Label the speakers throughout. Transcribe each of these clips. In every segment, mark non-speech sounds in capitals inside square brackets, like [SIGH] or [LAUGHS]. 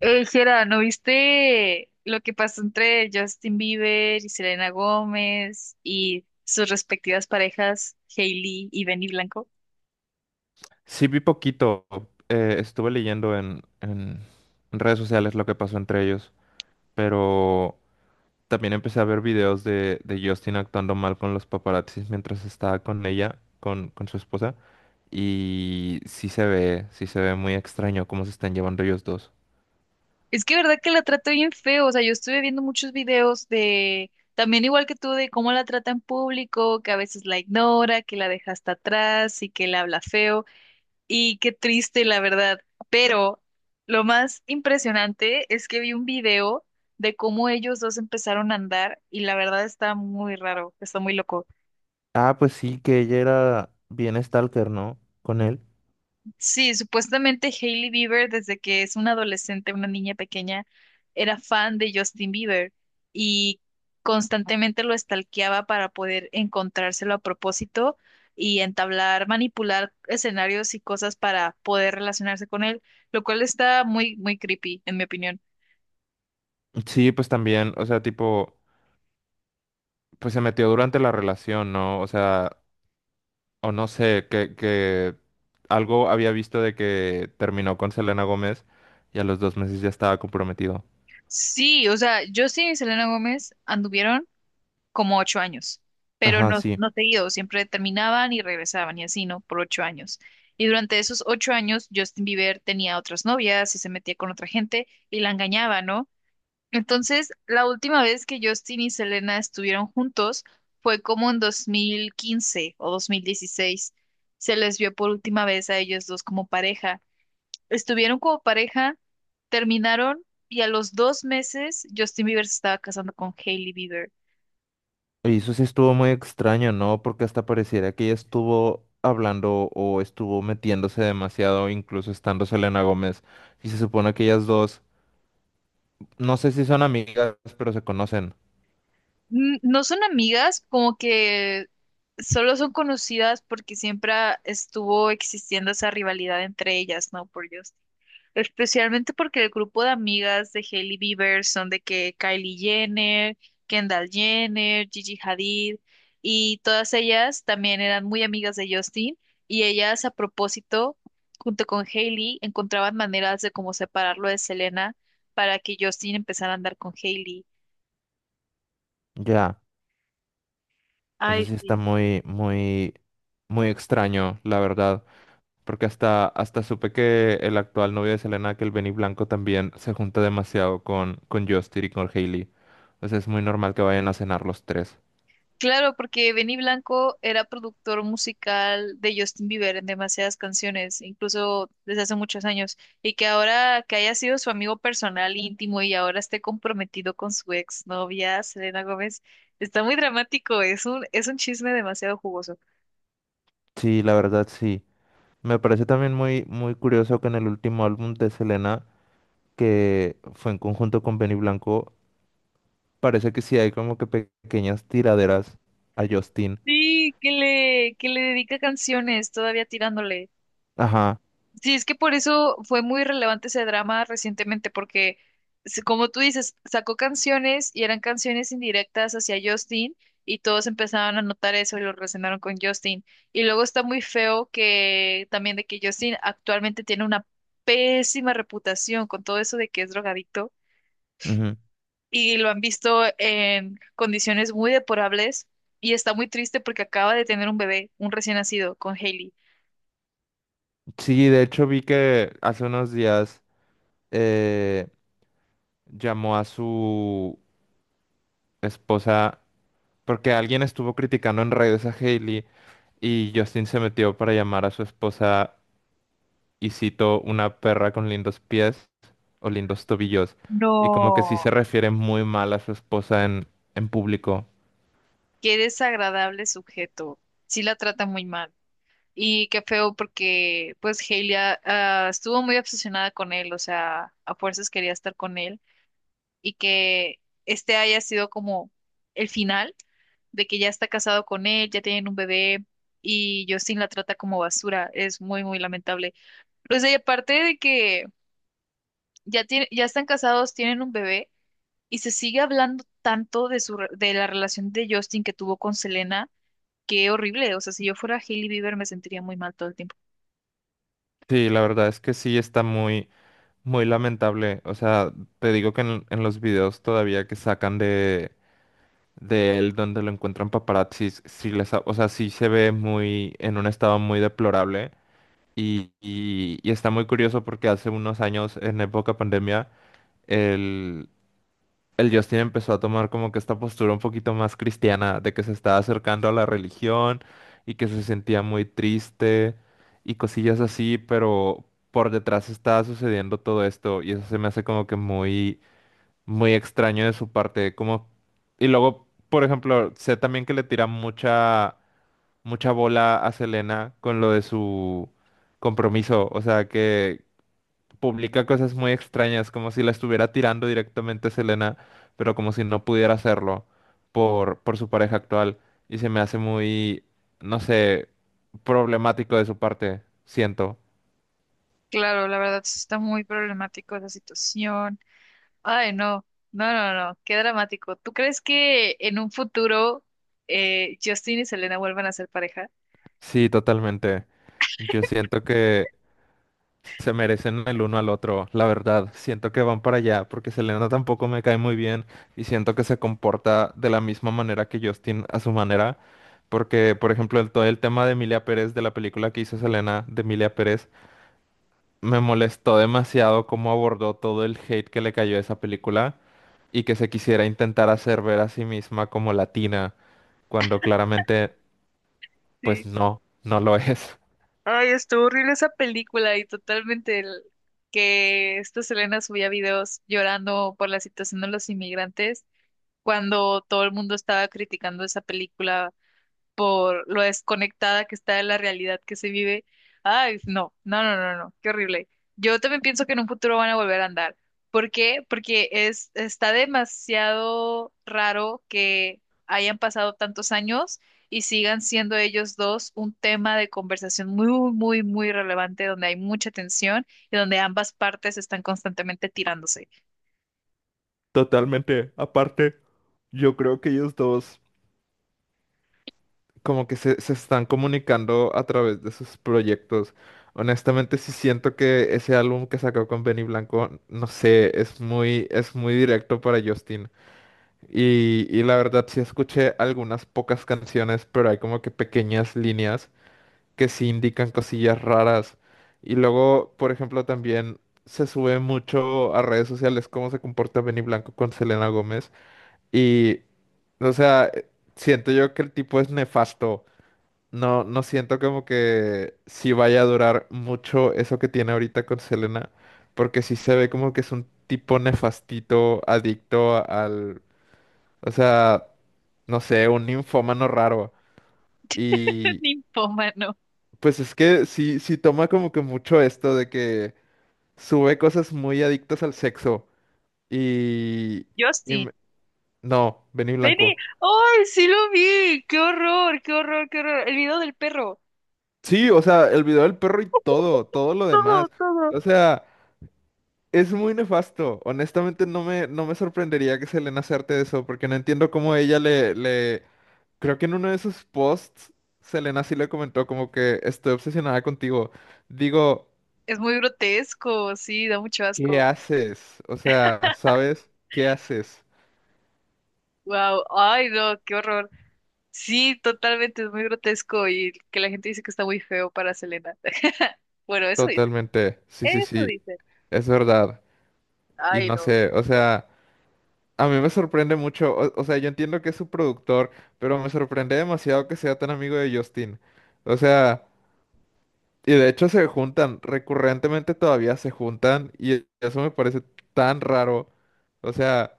Speaker 1: Ey, Jera, ¿no viste lo que pasó entre Justin Bieber y Selena Gómez y sus respectivas parejas, Hailey y Benny Blanco?
Speaker 2: Sí, vi poquito. Estuve leyendo en redes sociales lo que pasó entre ellos, pero también empecé a ver videos de Justin actuando mal con los paparazzis mientras estaba con ella, con su esposa, y sí se ve muy extraño cómo se están llevando ellos dos.
Speaker 1: Es que verdad que la trata bien feo, o sea, yo estuve viendo muchos videos de, también igual que tú, de cómo la trata en público, que a veces la ignora, que la deja hasta atrás y que le habla feo. Y qué triste, la verdad. Pero lo más impresionante es que vi un video de cómo ellos dos empezaron a andar y la verdad está muy raro, está muy loco.
Speaker 2: Ah, pues sí, que ella era bien stalker, ¿no? Con él.
Speaker 1: Sí, supuestamente Hailey Bieber, desde que es una adolescente, una niña pequeña, era fan de Justin Bieber y constantemente lo stalkeaba para poder encontrárselo a propósito y entablar, manipular escenarios y cosas para poder relacionarse con él, lo cual está muy, muy creepy, en mi opinión.
Speaker 2: Sí, pues también, o sea, tipo, pues se metió durante la relación, ¿no? O sea, o no sé, que algo había visto de que terminó con Selena Gómez y a los dos meses ya estaba comprometido.
Speaker 1: Sí, o sea, Justin y Selena Gómez anduvieron como 8 años, pero
Speaker 2: Ajá,
Speaker 1: no,
Speaker 2: sí.
Speaker 1: no seguido, siempre terminaban y regresaban y así, ¿no? Por 8 años. Y durante esos 8 años, Justin Bieber tenía otras novias y se metía con otra gente y la engañaba, ¿no? Entonces, la última vez que Justin y Selena estuvieron juntos fue como en 2015 o 2016. Se les vio por última vez a ellos dos como pareja. Estuvieron como pareja, terminaron y a los 2 meses Justin Bieber se estaba casando con Hailey Bieber.
Speaker 2: Y eso sí estuvo muy extraño, ¿no? Porque hasta pareciera que ella estuvo hablando o estuvo metiéndose demasiado, incluso estando Selena Gómez. Y se supone que ellas dos, no sé si son amigas, pero se conocen.
Speaker 1: Mm, no son amigas, como que solo son conocidas porque siempre estuvo existiendo esa rivalidad entre ellas, ¿no? Por Dios. Especialmente porque el grupo de amigas de Hailey Bieber son de que Kylie Jenner, Kendall Jenner, Gigi Hadid, y todas ellas también eran muy amigas de Justin, y ellas a propósito, junto con Hailey, encontraban maneras de cómo separarlo de Selena para que Justin empezara a andar con Hailey.
Speaker 2: Ya, eso
Speaker 1: Ay,
Speaker 2: sí está
Speaker 1: sí.
Speaker 2: muy, muy, muy extraño, la verdad. Porque hasta supe que el actual novio de Selena, que el Benny Blanco, también se junta demasiado con Justin y con Hailey. O sea, es muy normal que vayan a cenar los tres.
Speaker 1: Claro, porque Benny Blanco era productor musical de Justin Bieber en demasiadas canciones, incluso desde hace muchos años, y que ahora que haya sido su amigo personal íntimo y ahora esté comprometido con su ex novia, Selena Gómez, está muy dramático, es un chisme demasiado jugoso.
Speaker 2: Sí, la verdad sí. Me parece también muy, muy curioso que en el último álbum de Selena, que fue en conjunto con Benny Blanco, parece que sí hay como que pequeñas tiraderas a Justin.
Speaker 1: Sí, que le dedica canciones todavía tirándole.
Speaker 2: Ajá.
Speaker 1: Sí, es que por eso fue muy relevante ese drama recientemente, porque como tú dices, sacó canciones y eran canciones indirectas hacia Justin y todos empezaron a notar eso y lo relacionaron con Justin. Y luego está muy feo que también de que Justin actualmente tiene una pésima reputación con todo eso de que es drogadicto
Speaker 2: Ujú.
Speaker 1: y lo han visto en condiciones muy deplorables y está muy triste porque acaba de tener un bebé, un recién nacido, con Hailey.
Speaker 2: Sí, de hecho vi que hace unos días eh, llamó a su esposa. Porque alguien estuvo criticando en redes a Hailey y Justin se metió para llamar a su esposa, y cito, una perra con lindos pies o lindos tobillos. Y como que sí
Speaker 1: No.
Speaker 2: se refiere muy mal a su esposa en público.
Speaker 1: Qué desagradable sujeto. Sí la trata muy mal. Y qué feo porque pues Hailey estuvo muy obsesionada con él, o sea, a fuerzas quería estar con él y que este haya sido como el final de que ya está casado con él, ya tienen un bebé y Justin la trata como basura. Es muy, muy lamentable. Pues y aparte de que ya tiene, ya están casados, tienen un bebé y se sigue hablando tanto de la relación de Justin que tuvo con Selena. Qué horrible. O sea, si yo fuera Hailey Bieber me sentiría muy mal todo el tiempo.
Speaker 2: Sí, la verdad es que sí está muy, muy lamentable. O sea, te digo que en los videos todavía que sacan de él donde lo encuentran paparazzis, o sea, sí se ve muy, en un estado muy deplorable. Y, y está muy curioso porque hace unos años, en época pandemia, el, el Justin empezó a tomar como que esta postura un poquito más cristiana, de que se estaba acercando a la religión y que se sentía muy triste y cosillas así, pero por detrás estaba sucediendo todo esto y eso se me hace como que muy, muy extraño de su parte, como... Y luego, por ejemplo, sé también que le tira mucha mucha bola a Selena con lo de su compromiso, o sea, que publica cosas muy extrañas, como si la estuviera tirando directamente a Selena, pero como si no pudiera hacerlo por su pareja actual, y se me hace muy, no sé, problemático de su parte, siento.
Speaker 1: Claro, la verdad sí está muy problemático esa situación. Ay, no. No, no, no. Qué dramático. ¿Tú crees que en un futuro Justin y Selena vuelvan a ser pareja?
Speaker 2: Sí, totalmente. Yo siento que se merecen el uno al otro, la verdad. Siento que van para allá porque Selena tampoco me cae muy bien y siento que se comporta de la misma manera que Justin a su manera. Porque, por ejemplo, todo el tema de Emilia Pérez, de la película que hizo Selena de Emilia Pérez, me molestó demasiado cómo abordó todo el hate que le cayó a esa película y que se quisiera intentar hacer ver a sí misma como latina, cuando claramente, pues
Speaker 1: Sí.
Speaker 2: no, no lo [LAUGHS] es.
Speaker 1: Ay, estuvo horrible esa película y totalmente que esta Selena subía videos llorando por la situación de los inmigrantes cuando todo el mundo estaba criticando esa película por lo desconectada que está de la realidad que se vive. Ay, no, no, no, no, no, qué horrible. Yo también pienso que en un futuro van a volver a andar. ¿Por qué? Porque es, está demasiado raro que hayan pasado tantos años y sigan siendo ellos dos un tema de conversación muy, muy, muy relevante donde hay mucha tensión y donde ambas partes están constantemente tirándose.
Speaker 2: Totalmente. Aparte, yo creo que ellos dos, como que se están comunicando a través de sus proyectos. Honestamente, sí siento que ese álbum que sacó con Benny Blanco, no sé, es muy directo para Justin. Y la verdad sí escuché algunas pocas canciones, pero hay como que pequeñas líneas que sí indican cosillas raras. Y luego, por ejemplo, también se sube mucho a redes sociales cómo se comporta Benny Blanco con Selena Gómez. Y, o sea, siento yo que el tipo es nefasto. No, no siento como que sí vaya a durar mucho eso que tiene ahorita con Selena, porque sí se ve como que es un tipo nefastito, o sea, no sé, un ninfómano raro.
Speaker 1: [LAUGHS]
Speaker 2: Y
Speaker 1: Ninfómano.
Speaker 2: pues es que sí, sí toma como que mucho esto de que sube cosas muy adictas al sexo. Y,
Speaker 1: Yo
Speaker 2: y
Speaker 1: sí,
Speaker 2: me- no, Benny
Speaker 1: Benny,
Speaker 2: Blanco.
Speaker 1: ¡ay, sí lo vi! ¡Qué horror, qué horror, qué horror! El video del perro.
Speaker 2: Sí, o sea, el video del perro y todo, todo lo
Speaker 1: Todo,
Speaker 2: demás.
Speaker 1: todo.
Speaker 2: O sea. Es muy nefasto. Honestamente, no me sorprendería que Selena hacerte de eso, porque no entiendo cómo ella le, le... Creo que en uno de sus posts, Selena sí le comentó como que estoy obsesionada contigo. Digo,
Speaker 1: Es muy grotesco, sí, da mucho
Speaker 2: ¿qué
Speaker 1: asco.
Speaker 2: haces? O sea, ¿sabes? ¿Qué haces?
Speaker 1: Wow, ay, no, qué horror. Sí, totalmente, es muy grotesco y que la gente dice que está muy feo para Selena. [LAUGHS] Bueno, eso dice.
Speaker 2: Totalmente. Sí, sí,
Speaker 1: Eso
Speaker 2: sí.
Speaker 1: dice.
Speaker 2: Es verdad. Y
Speaker 1: Ay,
Speaker 2: no
Speaker 1: no.
Speaker 2: sé, o sea, a mí me sorprende mucho. O sea, yo entiendo que es su productor, pero me sorprende demasiado que sea tan amigo de Justin. O sea... Y de hecho se juntan, recurrentemente todavía se juntan y eso me parece tan raro. O sea,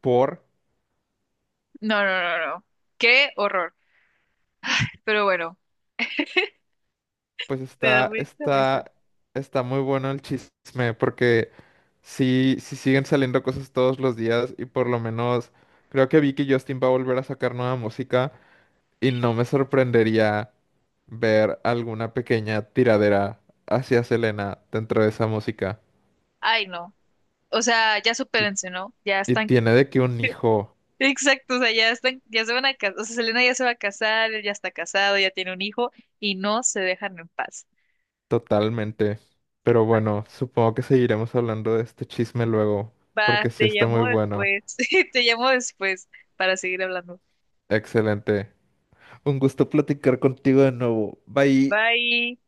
Speaker 2: por,
Speaker 1: No, no, no, no. Qué horror. Pero bueno,
Speaker 2: pues
Speaker 1: me da mucha risa.
Speaker 2: está muy bueno el chisme porque sí, sí siguen saliendo cosas todos los días y por lo menos creo que vi que Justin va a volver a sacar nueva música y no me sorprendería ver alguna pequeña tiradera hacia Selena dentro de esa música.
Speaker 1: Ay, no. O sea, ya
Speaker 2: Y,
Speaker 1: supérense, ¿no? Ya
Speaker 2: y
Speaker 1: están.
Speaker 2: tiene de que un hijo.
Speaker 1: Exacto, o sea, ya están, ya se van a casar, o sea, Selena ya se va a casar, él ya está casado, ya tiene un hijo y no se dejan en paz.
Speaker 2: Totalmente. Pero bueno, supongo que seguiremos hablando de este chisme luego,
Speaker 1: Va,
Speaker 2: porque sí
Speaker 1: te
Speaker 2: está muy
Speaker 1: llamo
Speaker 2: bueno.
Speaker 1: después, [LAUGHS] te llamo después para seguir hablando.
Speaker 2: Excelente. Un gusto platicar contigo de nuevo. Bye.
Speaker 1: Bye.